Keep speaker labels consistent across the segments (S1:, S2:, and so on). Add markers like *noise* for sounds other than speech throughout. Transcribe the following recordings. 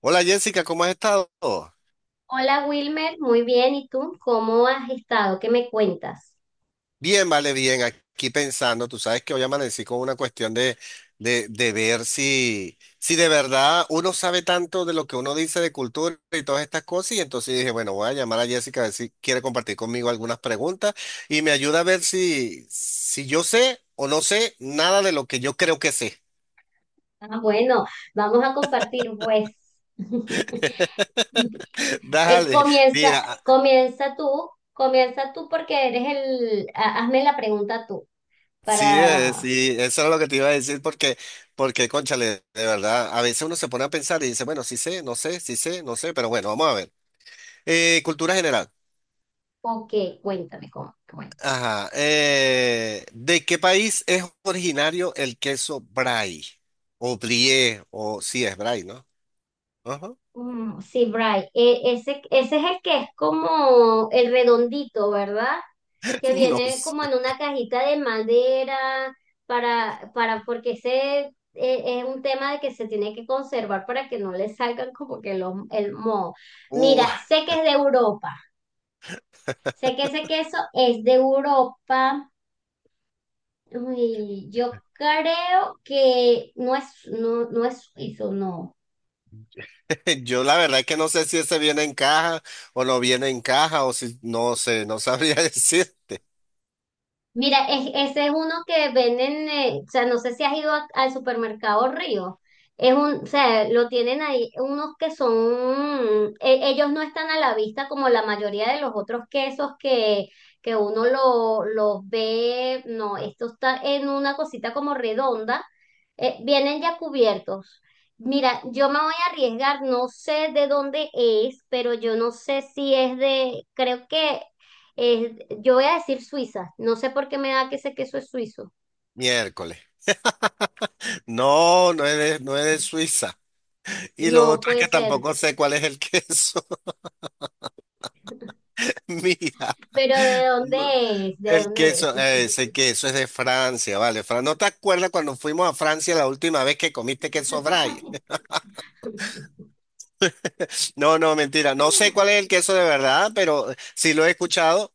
S1: Hola Jessica, ¿cómo has estado?
S2: Hola Wilmer, muy bien. ¿Y tú? ¿Cómo has estado? ¿Qué me cuentas?
S1: Bien, vale, bien. Aquí pensando, tú sabes que hoy amanecí con una cuestión de, de ver si, si de verdad uno sabe tanto de lo que uno dice de cultura y todas estas cosas. Y entonces dije, bueno, voy a llamar a Jessica a ver si quiere compartir conmigo algunas preguntas y me ayuda a ver si, si yo sé o no sé nada de lo que yo creo que sé.
S2: Ah, bueno, vamos a compartir, pues. *laughs*
S1: *laughs*
S2: Eh,
S1: Dale,
S2: comienza,
S1: mira.
S2: comienza tú, comienza tú porque eres hazme la pregunta tú
S1: Sí,
S2: para,
S1: sí, eso era lo que te iba a decir porque, porque, cónchale, de verdad, a veces uno se pone a pensar y dice, bueno, sí sé, no sé, sí sé, no sé, pero bueno, vamos a ver. Cultura general.
S2: ok, cuéntame cómo.
S1: Ajá. ¿De qué país es originario el queso brie? O brie, o sí es brie, ¿no? Ajá.
S2: Mm, sí, Bray, ese, ese es el que es como el redondito, ¿verdad? Que
S1: *laughs* No
S2: viene como en
S1: sé.
S2: una cajita de madera porque ese es un tema de que se tiene que conservar para que no le salgan como que los, el moho.
S1: Uh,
S2: Mira, sé que es de Europa, sé que ese queso es de Europa. Uy, yo creo que no es, no, no es suizo, no.
S1: *laughs* yo la verdad es que no sé si ese viene en caja o no viene en caja o si, no sé, no sabría *laughs* decir.
S2: Mira, ese es uno que venden, o sea, no sé si has ido al supermercado Río. Es un, o sea, lo tienen ahí unos que son, ellos no están a la vista como la mayoría de los otros quesos que uno los ve. No, esto está en una cosita como redonda. Vienen ya cubiertos. Mira, yo me voy a arriesgar, no sé de dónde es, pero yo no sé si es de, creo que es- yo voy a decir Suiza. No sé por qué me da que ese queso es suizo.
S1: Miércoles. No, no es de Suiza. Y lo
S2: No
S1: otro es
S2: puede
S1: que
S2: ser.
S1: tampoco sé cuál es el *laughs* queso. Mira,
S2: Pero ¿de dónde
S1: no-
S2: es? ¿De
S1: el
S2: dónde es?
S1: queso,
S2: ¿Y tú?
S1: ese queso es de Francia, vale. Fran, ¿no te acuerdas cuando fuimos a Francia la última vez que comiste queso Brie?
S2: *laughs*
S1: *laughs* No, no, mentira. No sé cuál es el queso de verdad, pero sí lo he escuchado.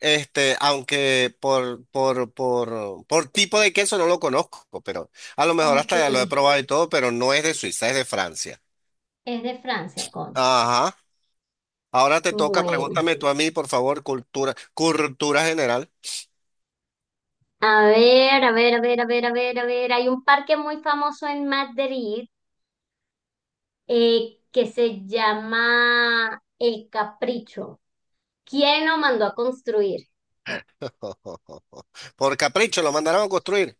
S1: Este, aunque por tipo de queso no lo conozco, pero a lo mejor
S2: Ok,
S1: hasta ya lo he probado y todo, pero no es de Suiza, es de Francia.
S2: es de Francia, concha.
S1: Ajá. Ahora te toca,
S2: Bueno,
S1: pregúntame tú a mí, por favor, cultura, cultura general.
S2: a ver, a ver, a ver, a ver, a ver, a ver. Hay un parque muy famoso en Madrid que se llama El Capricho. ¿Quién lo mandó a construir?
S1: *laughs* Por capricho, lo mandaron a construir.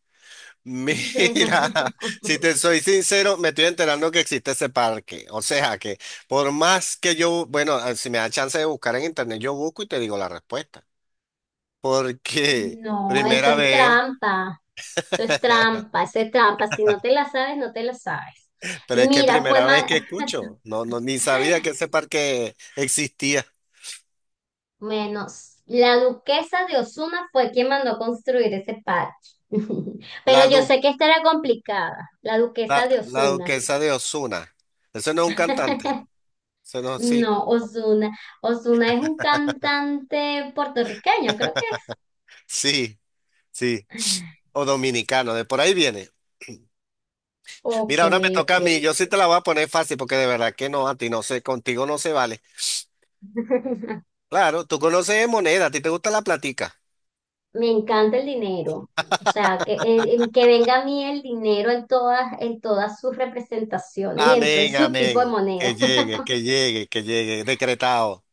S1: Mira, *laughs* si
S2: *laughs*
S1: te soy sincero, me estoy enterando que existe ese parque. O sea que por más que yo, bueno, si me da chance de buscar en internet, yo busco y te digo la respuesta. Porque
S2: No, eso
S1: primera
S2: es
S1: vez,
S2: trampa. Eso es
S1: *laughs*
S2: trampa, eso es trampa. Si no te la sabes, no te la sabes.
S1: pero es que
S2: Mira, fue
S1: primera vez
S2: más,
S1: que
S2: *laughs*
S1: escucho, no, no, ni sabía que ese parque existía.
S2: menos. La duquesa de Osuna fue quien mandó construir ese parque. *laughs*
S1: La,
S2: Pero yo
S1: du-
S2: sé que esta era complicada. La
S1: la,
S2: duquesa de
S1: la
S2: Osuna.
S1: duquesa de Osuna. Eso no es un cantante.
S2: *laughs*
S1: Eso no, sí,
S2: No, Osuna. Osuna es un cantante puertorriqueño, creo que es.
S1: sí, sí. O dominicano, de por ahí viene.
S2: Ok,
S1: Mira, ahora me
S2: ok.
S1: toca a mí. Yo sí te la voy a poner fácil porque de verdad que no, a ti no sé, contigo no se vale.
S2: *laughs*
S1: Claro, tú conoces de moneda, a ti te gusta la platica.
S2: Me encanta el dinero. O sea, que venga a mí el dinero en todas sus representaciones y en todo
S1: Amén,
S2: su tipo de
S1: amén. Que
S2: moneda. *laughs*
S1: llegue, que llegue, que llegue. Decretado.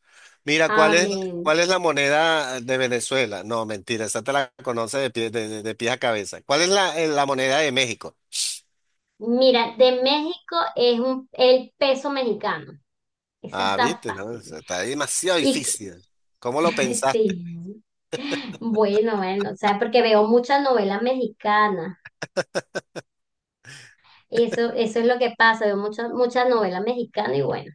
S1: Mira,
S2: Amén.
S1: cuál es la moneda de Venezuela? No, mentira, esa te la conoces de pie, de pies a cabeza. ¿Cuál es la, la moneda de México?
S2: Mira, de México es un, el peso mexicano. Esa
S1: Ah,
S2: está
S1: viste, no,
S2: fácil.
S1: eso está demasiado
S2: Y que-
S1: difícil. ¿Cómo lo
S2: *laughs*
S1: pensaste?
S2: sí. Bueno, bueno, o sea, porque veo muchas novelas mexicanas. Eso es lo que pasa, veo muchas, muchas novelas mexicanas y bueno.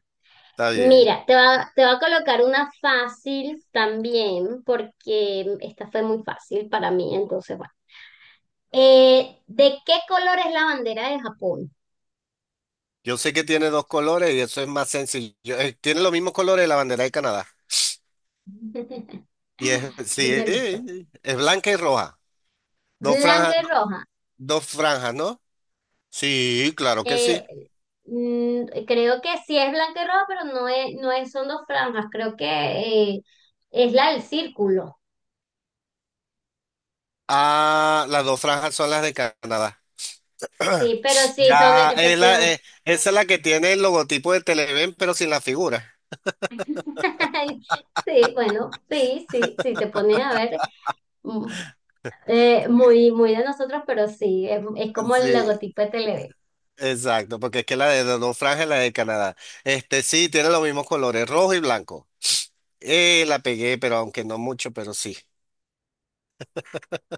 S1: Está bien.
S2: Mira, te va a colocar una fácil también, porque esta fue muy fácil para mí, entonces, bueno. ¿De qué color es la bandera de Japón?
S1: Yo sé que tiene dos colores y eso es más sencillo. Tiene los mismos colores de la bandera de Canadá.
S2: *laughs*
S1: Y es, sí,
S2: Dímelo, pues.
S1: es blanca y roja. Dos franjas,
S2: Blanca y roja.
S1: dos franjas, ¿no? Sí, claro que sí.
S2: Eh, Creo que sí es blanca y roja, pero no es, no es, son dos franjas, creo que eh, es la del círculo.
S1: Ah, las dos franjas son las de Canadá. *clears throat*
S2: Sí, pero sí, son
S1: Ya, es la,
S2: efectivamente. *laughs*
S1: esa es la que tiene el logotipo de Televen, pero sin la figura.
S2: Sí, bueno, sí, sí, sí, te pones a ver. mm, Muy, muy de nosotros, pero sí, es como el
S1: Sí,
S2: logotipo de Televen.
S1: exacto, porque es que la de las dos franjas es la de Canadá. Este sí, tiene los mismos colores, rojo y blanco. La pegué, pero aunque no mucho, pero sí.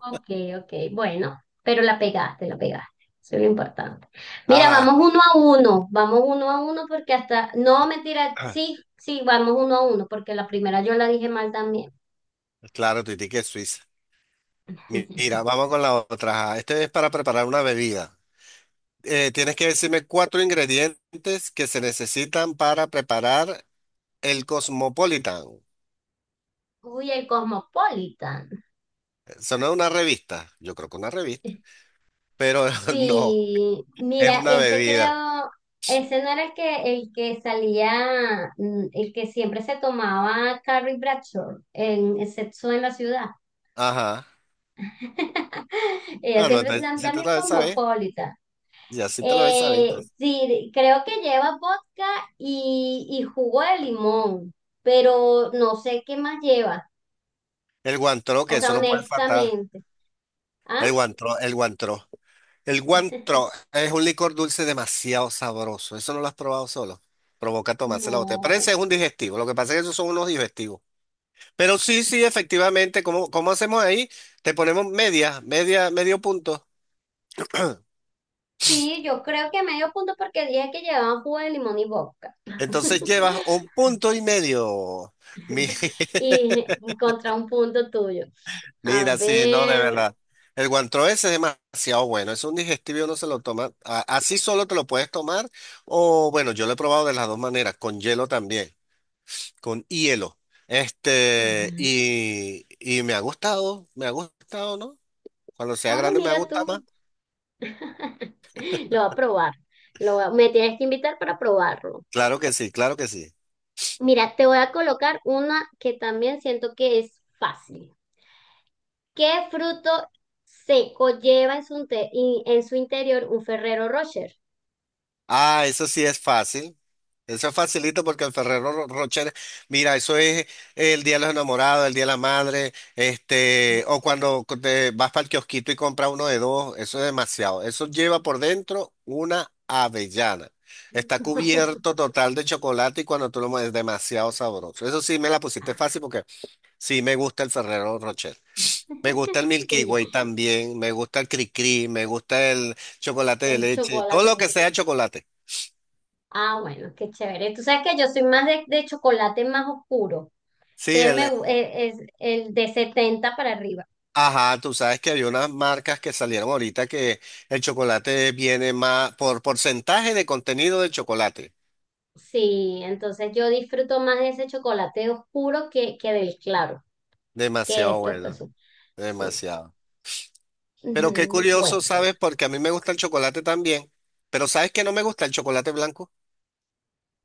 S2: Ok, ok, bueno, pero la pegaste, la pegaste. Eso es lo importante. Mira, vamos
S1: Ajá,
S2: uno a uno, vamos uno a uno porque hasta, no, mentira, sí,
S1: *clears throat*
S2: sí, vamos uno a uno porque la primera yo la dije mal también.
S1: claro, Titi, que es Suiza. Mira,
S2: *laughs*
S1: vamos con la otra. Ajá, este es para preparar una bebida. Tienes que decirme cuatro ingredientes que se necesitan para preparar el Cosmopolitan.
S2: Uy, el Cosmopolitan.
S1: Eso no es una revista, yo creo que una revista, pero *laughs* no,
S2: Sí,
S1: es
S2: mira,
S1: una
S2: ese
S1: bebida.
S2: creo, ese no era el que salía, el que siempre se tomaba Carrie Bradshaw en el Sexo en la Ciudad.
S1: Ajá.
S2: *laughs* Ella
S1: Ah, no,
S2: siempre es
S1: entonces sí te
S2: también
S1: lo debes saber,
S2: cosmopolita.
S1: ya sí te lo debes saber. Entonces.
S2: Sí, creo que lleva vodka y jugo de limón, pero no sé qué más lleva.
S1: El guantró,
S2: O
S1: que
S2: sea,
S1: eso no puede faltar.
S2: honestamente. ¿Ah?
S1: El guantró, el guantró. El guantró
S2: *laughs*
S1: es un licor dulce demasiado sabroso. Eso no lo has probado solo. Provoca tomarse la botella. Parece
S2: No.
S1: es un digestivo. Lo que pasa es que esos son unos digestivos. Pero sí, sí, efectivamente, ¿cómo, cómo hacemos ahí? Te ponemos media, media, medio punto. *clears throat*
S2: Sí, yo creo que medio punto porque dije que llevaban jugo de limón y vodka.
S1: Entonces llevas
S2: *laughs*
S1: un punto y medio. Mi- *laughs*
S2: Y contra un punto tuyo. A
S1: Mira, sí, no, de
S2: ver.
S1: verdad. El guantró ese es demasiado bueno. Es un digestivo, no se lo toma. Así solo te lo puedes tomar. O bueno, yo lo he probado de las dos maneras, con hielo también, con hielo. Este, y me ha gustado, ¿no? Cuando sea
S2: Ah,
S1: grande me ha
S2: mira
S1: gustado
S2: tú.
S1: más.
S2: *laughs* Lo voy a probar. Lo voy me tienes que invitar para probarlo.
S1: Claro que sí, claro que sí.
S2: Mira, te voy a colocar una que también siento que es fácil. ¿Qué fruto seco lleva en en su interior un Ferrero Rocher?
S1: Ah, eso sí es fácil. Eso es facilito porque el Rocher, mira, eso es el Día de los Enamorados, el Día de la Madre, este, o cuando te vas para el kiosquito y compras uno de dos, eso es demasiado. Eso lleva por dentro una avellana. Está
S2: *laughs*
S1: cubierto total de chocolate y cuando tú lo mueves es demasiado sabroso. Eso sí me la pusiste fácil porque sí me gusta el Ferrero Rocher. Me gusta el Milky
S2: Sí, ya.
S1: Way también, me gusta el Cri Cri, me gusta el chocolate de
S2: El
S1: leche, todo lo
S2: chocolate.
S1: que sea chocolate.
S2: Ah, bueno, qué chévere. Tú sabes que yo soy más de chocolate más oscuro.
S1: Sí,
S2: Entonces
S1: el,
S2: es el de 70 para arriba.
S1: ajá, tú sabes que había unas marcas que salieron ahorita que el chocolate viene más por porcentaje de contenido del chocolate.
S2: Sí, entonces yo disfruto más de ese chocolate oscuro que del claro, que de
S1: Demasiado
S2: estos que
S1: bueno,
S2: son. Sí.
S1: demasiado. Pero qué
S2: Ujú,
S1: curioso,
S2: bueno.
S1: ¿sabes? Porque a mí me gusta el chocolate también, pero ¿sabes que no me gusta el chocolate blanco?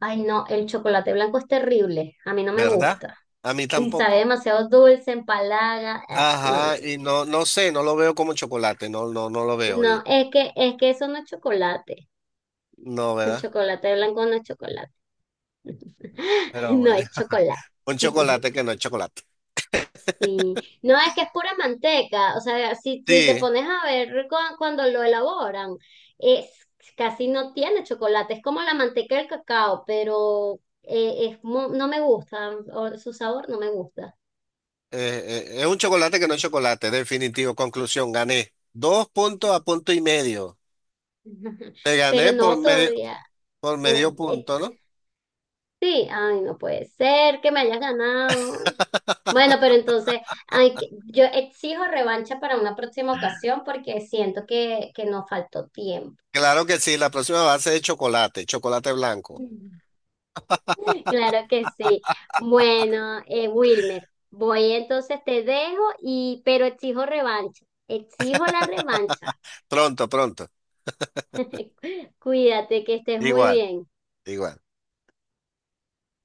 S2: Ay, no, el chocolate blanco es terrible. A mí no me
S1: ¿Verdad?
S2: gusta.
S1: A mí
S2: Y sabe
S1: tampoco.
S2: demasiado dulce, empalaga. Ah, no, no.
S1: Ajá,
S2: No,
S1: y no, no sé, no lo veo como chocolate, no, no, no lo veo.
S2: no,
S1: Y,
S2: es que eso no es chocolate.
S1: no,
S2: El
S1: ¿verdad?
S2: chocolate blanco no es chocolate. *laughs*
S1: Pero
S2: No
S1: bueno,
S2: es chocolate.
S1: *laughs* un
S2: *laughs*
S1: chocolate que no es chocolate.
S2: Sí, no, es que es pura manteca, o sea, si, si te
S1: Sí.
S2: pones a ver cuando lo elaboran, es casi no tiene chocolate, es como la manteca del cacao, pero es, no me gusta, o su sabor no me gusta.
S1: Es un chocolate que no es chocolate, definitivo. Conclusión, gané. Dos puntos a punto y medio.
S2: *laughs*
S1: Te
S2: Pero
S1: gané
S2: no todavía,
S1: por medio
S2: o- eh,
S1: punto, ¿no?
S2: sí, ay, no puede ser que me hayas ganado. Bueno, pero entonces ay, yo exijo revancha para una próxima ocasión porque siento que nos faltó tiempo.
S1: Claro que sí, la próxima va a ser de chocolate, chocolate blanco.
S2: *laughs* Claro que sí. Bueno, Wilmer, voy entonces te dejo y pero exijo revancha. Exijo la revancha.
S1: Pronto, pronto.
S2: *laughs* Cuídate, que estés muy
S1: Igual,
S2: bien.
S1: igual.